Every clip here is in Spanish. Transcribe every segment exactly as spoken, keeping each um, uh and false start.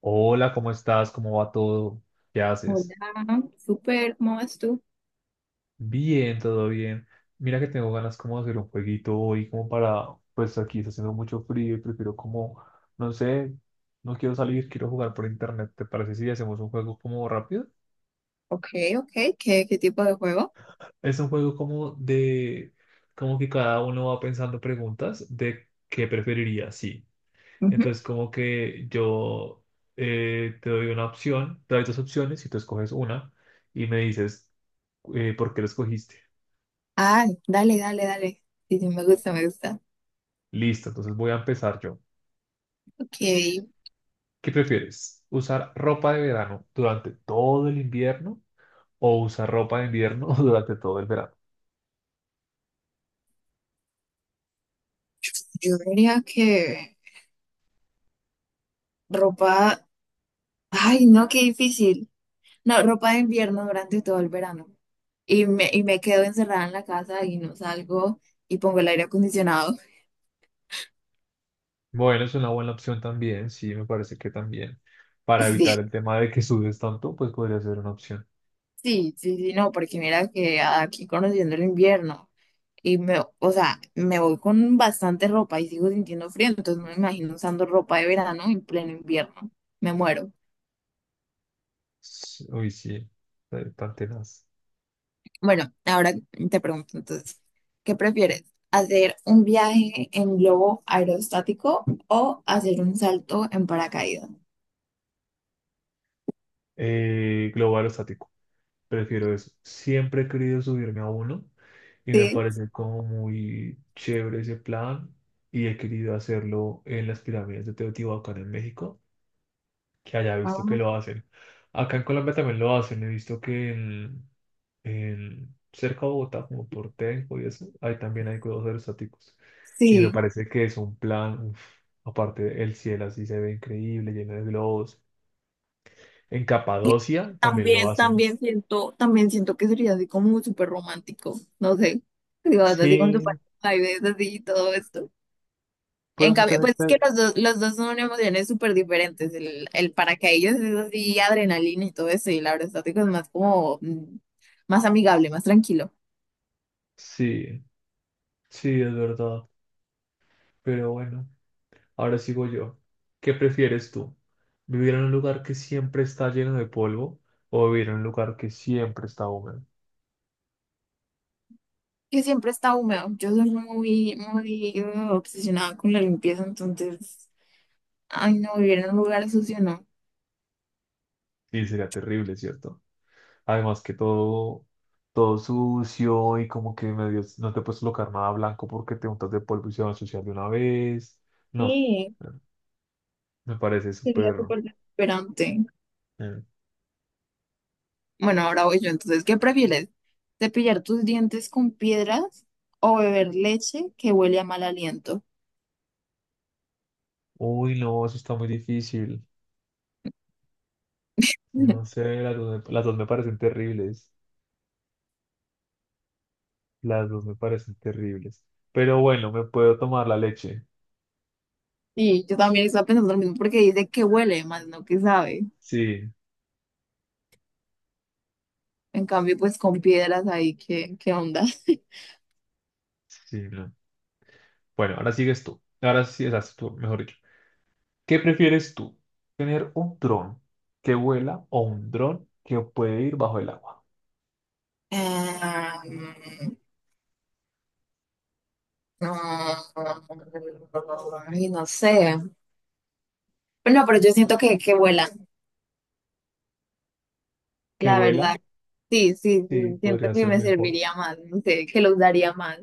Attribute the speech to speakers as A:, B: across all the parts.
A: Hola, ¿cómo estás? ¿Cómo va todo? ¿Qué haces?
B: Hola, súper, ¿cómo vas tú?
A: Bien, todo bien. Mira que tengo ganas como de hacer un jueguito hoy, como para, pues aquí está haciendo mucho frío y prefiero como, no sé, no quiero salir, quiero jugar por internet. ¿Te parece si hacemos un juego como rápido?
B: Ok, ok, ¿qué, qué tipo de juego?
A: Es un juego como de, como que cada uno va pensando preguntas de qué preferiría, sí.
B: Ujú.
A: Entonces como que yo eh, te doy una opción, te doy dos opciones y tú escoges una y me dices eh, ¿por qué lo escogiste?
B: Ah, dale, dale, dale. Sí, sí, me gusta, me gusta.
A: Listo, entonces voy a empezar yo.
B: Ok,
A: ¿Qué prefieres? ¿Usar ropa de verano durante todo el invierno o usar ropa de invierno durante todo el verano?
B: yo diría que ropa, ay, no, qué difícil. No, ropa de invierno durante todo el verano. Y me, y me quedo encerrada en la casa y no salgo y pongo el aire acondicionado.
A: Bueno, es una buena opción también, sí, me parece que también. Para evitar el
B: Sí.
A: tema de que sudes tanto, pues podría ser una opción.
B: Sí, sí, sí, no, porque mira que aquí conociendo el invierno y me, o sea, me voy con bastante ropa y sigo sintiendo frío, entonces no me imagino usando ropa de verano en pleno invierno. Me muero.
A: S- Uy, sí, eh, tan tenaz.
B: Bueno, ahora te pregunto entonces, ¿qué prefieres? ¿Hacer un viaje en globo aerostático o hacer un salto en paracaídas?
A: Eh, global o estático. Prefiero eso. Siempre he querido subirme a uno y me
B: Sí.
A: parece como muy chévere ese plan y he querido hacerlo en las pirámides de Teotihuacán en México, que haya visto que
B: Ah,
A: lo hacen. Acá en Colombia también lo hacen, he visto que en, en cerca de Bogotá, como por Tenjo y eso, ahí también hay globos aerostáticos. Y me
B: sí.
A: parece que es un plan, uf, aparte el cielo así se ve increíble, lleno de globos. En Capadocia también lo
B: También,
A: hacen.
B: también siento, también siento que sería así como súper romántico, no sé, digo así con tu
A: Sí,
B: pareja y ves así y todo esto. En
A: pues mucha
B: cambio, pues es que
A: gente.
B: los dos, los dos son emociones súper diferentes, el, el paracaídas es así adrenalina y todo eso, y el abrazo estático es más como, mm, más amigable, más tranquilo.
A: Sí, sí, es verdad. Pero bueno, ahora sigo yo. ¿Qué prefieres tú? ¿Vivir en un lugar que siempre está lleno de polvo o vivir en un lugar que siempre está húmedo?
B: Que siempre está húmedo, yo soy muy, muy uh, obsesionada con la limpieza, entonces, ay, no, vivir en un lugar sucio no.
A: Sí, sería terrible, ¿cierto? Además que todo, todo sucio y como que medio no te puedes colocar nada blanco porque te untas de polvo y se va a ensuciar de una vez. No,
B: Sí,
A: me parece
B: sería
A: súper.
B: súper desesperante.
A: eh,
B: Bueno, ahora voy yo. Entonces, ¿qué prefieres? ¿Cepillar tus dientes con piedras o beber leche que huele a mal aliento?
A: Uy, no, eso está muy difícil. No sé, las dos, me- las dos me parecen terribles. Las dos me parecen terribles. Pero bueno, me puedo tomar la leche.
B: Y yo también estaba pensando lo mismo porque dice que huele más, no que sabe.
A: Sí,
B: En cambio, pues con piedras ahí, ¿qué, qué onda?
A: sí, no. Bueno, ahora sigues tú. Ahora sí, estás tú, mejor dicho. ¿Qué prefieres tú? ¿Tener un dron que vuela o un dron que puede ir bajo el agua?
B: Em, no, ay, no sé. Pero no pero yo siento que, que vuela,
A: ¿Que
B: la
A: vuela?
B: verdad. Sí, sí,
A: Sí,
B: sí, siento
A: podría
B: que
A: ser
B: me
A: mejor.
B: serviría más, no sé, que los daría más.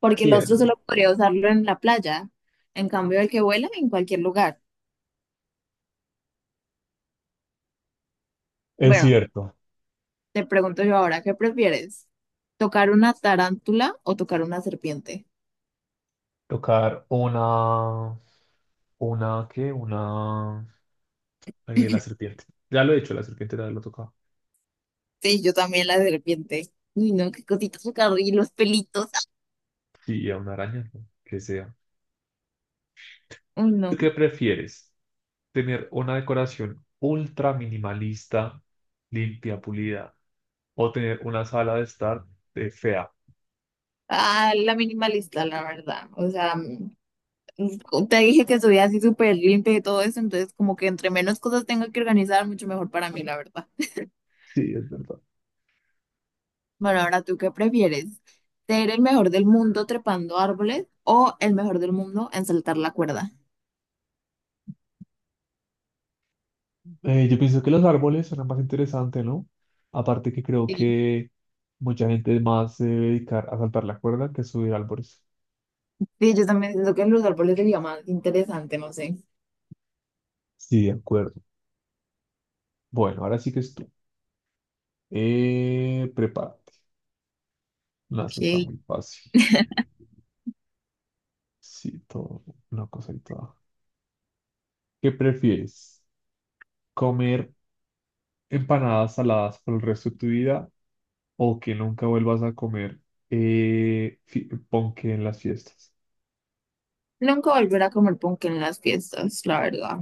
B: Porque el
A: Sí, es
B: otro
A: ver-
B: solo podría usarlo en la playa. En cambio, el que vuela en cualquier lugar.
A: es
B: Bueno,
A: cierto.
B: te pregunto yo ahora, ¿qué prefieres? ¿Tocar una tarántula o tocar una serpiente?
A: Tocar una... ¿Una qué? Una... eh, la serpiente. Ya lo he hecho, la serpiente ya lo he tocado.
B: Sí, yo también la serpiente. Uy, no, qué cositas tocar y los pelitos.
A: Sí, a una araña, ¿no? Que sea.
B: Uy,
A: ¿Tú
B: no.
A: qué prefieres? ¿Tener una decoración ultra minimalista, limpia, pulida, o tener una sala de estar de fea?
B: Ah, la minimalista, la verdad. O sea, mm, te dije que soy así súper limpia y todo eso, entonces como que entre menos cosas tengo que organizar, mucho mejor para mí, la verdad.
A: Sí, es verdad.
B: Bueno, ahora tú qué prefieres, ser el mejor del mundo trepando árboles o el mejor del mundo en saltar la cuerda.
A: Eh, yo pienso que los árboles son más interesante, ¿no? Aparte que creo
B: Sí,
A: que mucha gente más se debe dedicar a saltar la cuerda que a subir árboles.
B: sí, yo también siento que los árboles sería más interesante, no sé.
A: Sí, de acuerdo. Bueno, ahora sí que es tú. Eh, prepárate. No, eso está
B: Ok.
A: muy fácil. Sí, todo, una cosa y toda. ¿Qué prefieres? Comer empanadas saladas por el resto de tu vida o que nunca vuelvas a comer eh, fi- ponqué en las fiestas.
B: Nunca volver a comer ponqué en las fiestas, la verdad.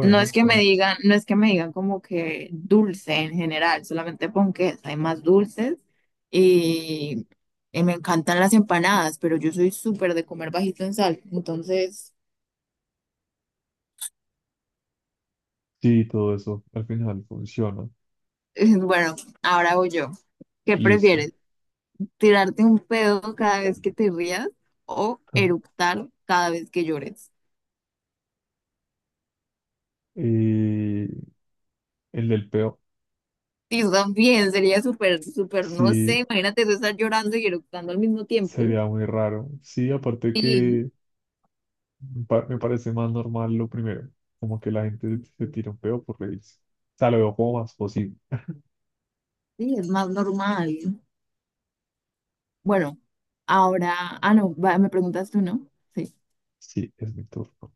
B: No es que me
A: sí,
B: digan, no es que me digan como que dulce en general, solamente ponqués, hay más dulces y, y me encantan las empanadas, pero yo soy súper de comer bajito en sal, entonces,
A: sí, todo eso al final funciona.
B: bueno, ahora voy yo. ¿Qué
A: Listo.
B: prefieres? Tirarte un pedo cada vez que te rías o
A: Ah.
B: eructar cada vez que llores.
A: Y el del peo,
B: Y eso también sería súper, súper, no sé,
A: sí,
B: imagínate tú estar llorando y eructando al mismo tiempo.
A: sería muy raro. Sí, aparte
B: Sí,
A: que pa- me parece más normal lo primero, como que la gente se tira un peo por reírse. O sea, lo veo como más posible.
B: sí, es más normal. Bueno, ahora, ah, no, va, me preguntas tú, ¿no? Sí.
A: Sí, es mi turno.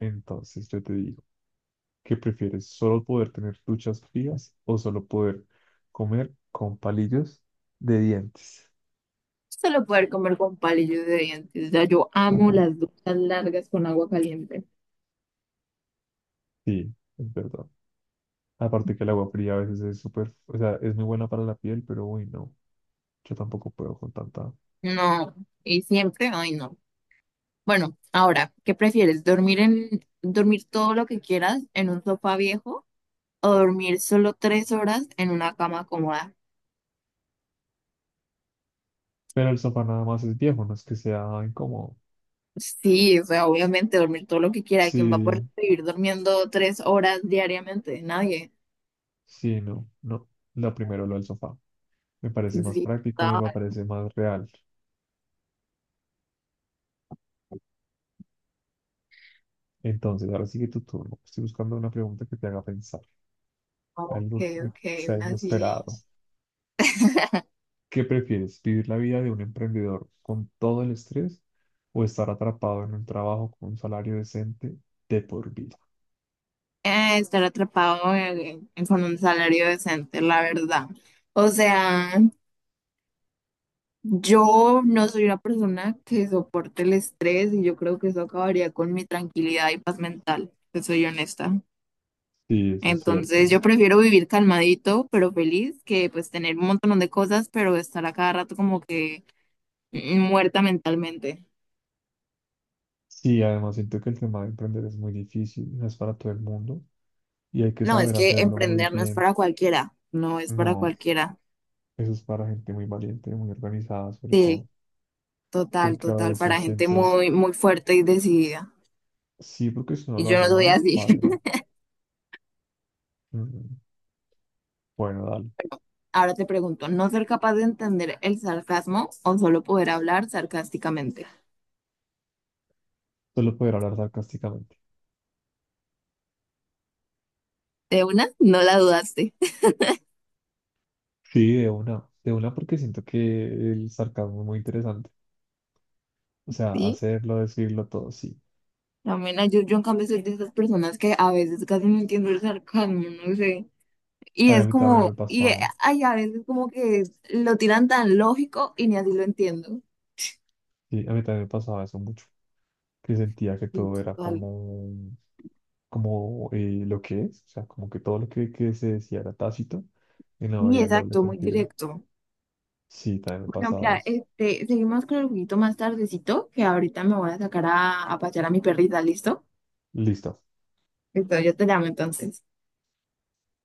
A: Entonces yo te digo. ¿Qué prefieres? ¿Solo poder tener duchas frías o solo poder comer con palillos de dientes?
B: Solo poder comer con palillos de dientes. Ya yo amo las duchas largas con agua caliente.
A: Sí, es verdad. Aparte que el agua fría a veces es súper, o sea, es muy buena para la piel, pero uy, no, yo tampoco puedo con tanta.
B: No, y siempre, ay, no. Bueno, ahora, ¿qué prefieres? ¿Dormir en, dormir todo lo que quieras en un sofá viejo o dormir solo tres horas en una cama cómoda?
A: Pero el sofá nada más es viejo, no es que sea incómodo.
B: Sí, o sea, obviamente dormir todo lo que quiera. ¿Quién va a poder
A: Sí,
B: vivir durmiendo tres horas diariamente? Nadie.
A: sí, no, no. Lo primero, lo del sofá. Me parece más
B: Sí,
A: práctico,
B: está.
A: me parece más real. Entonces, ahora sigue tu turno. Estoy buscando una pregunta que te haga pensar.
B: Ok,
A: Algo que
B: ok,
A: sea
B: una sí.
A: inesperado. ¿Qué prefieres? ¿Vivir la vida de un emprendedor con todo el estrés o estar atrapado en un trabajo con un salario decente de por vida?
B: Eh, estar atrapado en- en- con un salario decente, la verdad. O sea, yo no soy una persona que soporte el estrés y yo creo que eso acabaría con mi tranquilidad y paz mental, te soy honesta.
A: Sí, eso es cierto.
B: Entonces yo prefiero vivir calmadito, pero feliz, que pues tener un montón de cosas, pero estar a cada rato como que mm, muerta mentalmente.
A: Sí, además siento que el tema de emprender es muy difícil, no es para todo el mundo y hay que
B: No, es
A: saber
B: que
A: hacerlo muy
B: emprender no es
A: bien.
B: para cualquiera, no es para
A: No,
B: cualquiera.
A: eso es para gente muy valiente, muy organizada sobre todo,
B: Sí, total,
A: porque a
B: total,
A: veces
B: para gente
A: siento,
B: muy, muy fuerte y decidida.
A: sí, porque si uno
B: Y
A: lo
B: yo no
A: hace
B: soy
A: mal,
B: así.
A: paga. Bueno, dale,
B: Ahora te pregunto, ¿no ser capaz de entender el sarcasmo o solo poder hablar sarcásticamente?
A: solo poder hablar sarcásticamente.
B: De una, no la dudaste.
A: Sí, de una, de una porque siento que el sarcasmo es muy interesante. O sea,
B: Sí,
A: hacerlo, decirlo todo, sí.
B: también yo, yo en cambio soy de esas personas que a veces casi no entiendo el sarcasmo, no sé. Y
A: Ay, a
B: es
A: mí también
B: como,
A: me
B: y eh,
A: pasaba,
B: hay a veces como que lo tiran tan lógico y ni así lo entiendo.
A: sí, a mí también me pasaba eso mucho, que sentía que
B: Y
A: todo era
B: total.
A: como, como eh, lo que es, o sea, como que todo lo que, que se decía era tácito y no
B: Y
A: había el doble
B: exacto, muy
A: sentido.
B: directo.
A: Sí, también me
B: Bueno,
A: pasaba
B: mira,
A: eso.
B: este, seguimos con el juguito más tardecito, que ahorita me voy a sacar a, a pasear a mi perrita, ¿listo?
A: Listo.
B: Listo, yo te llamo entonces.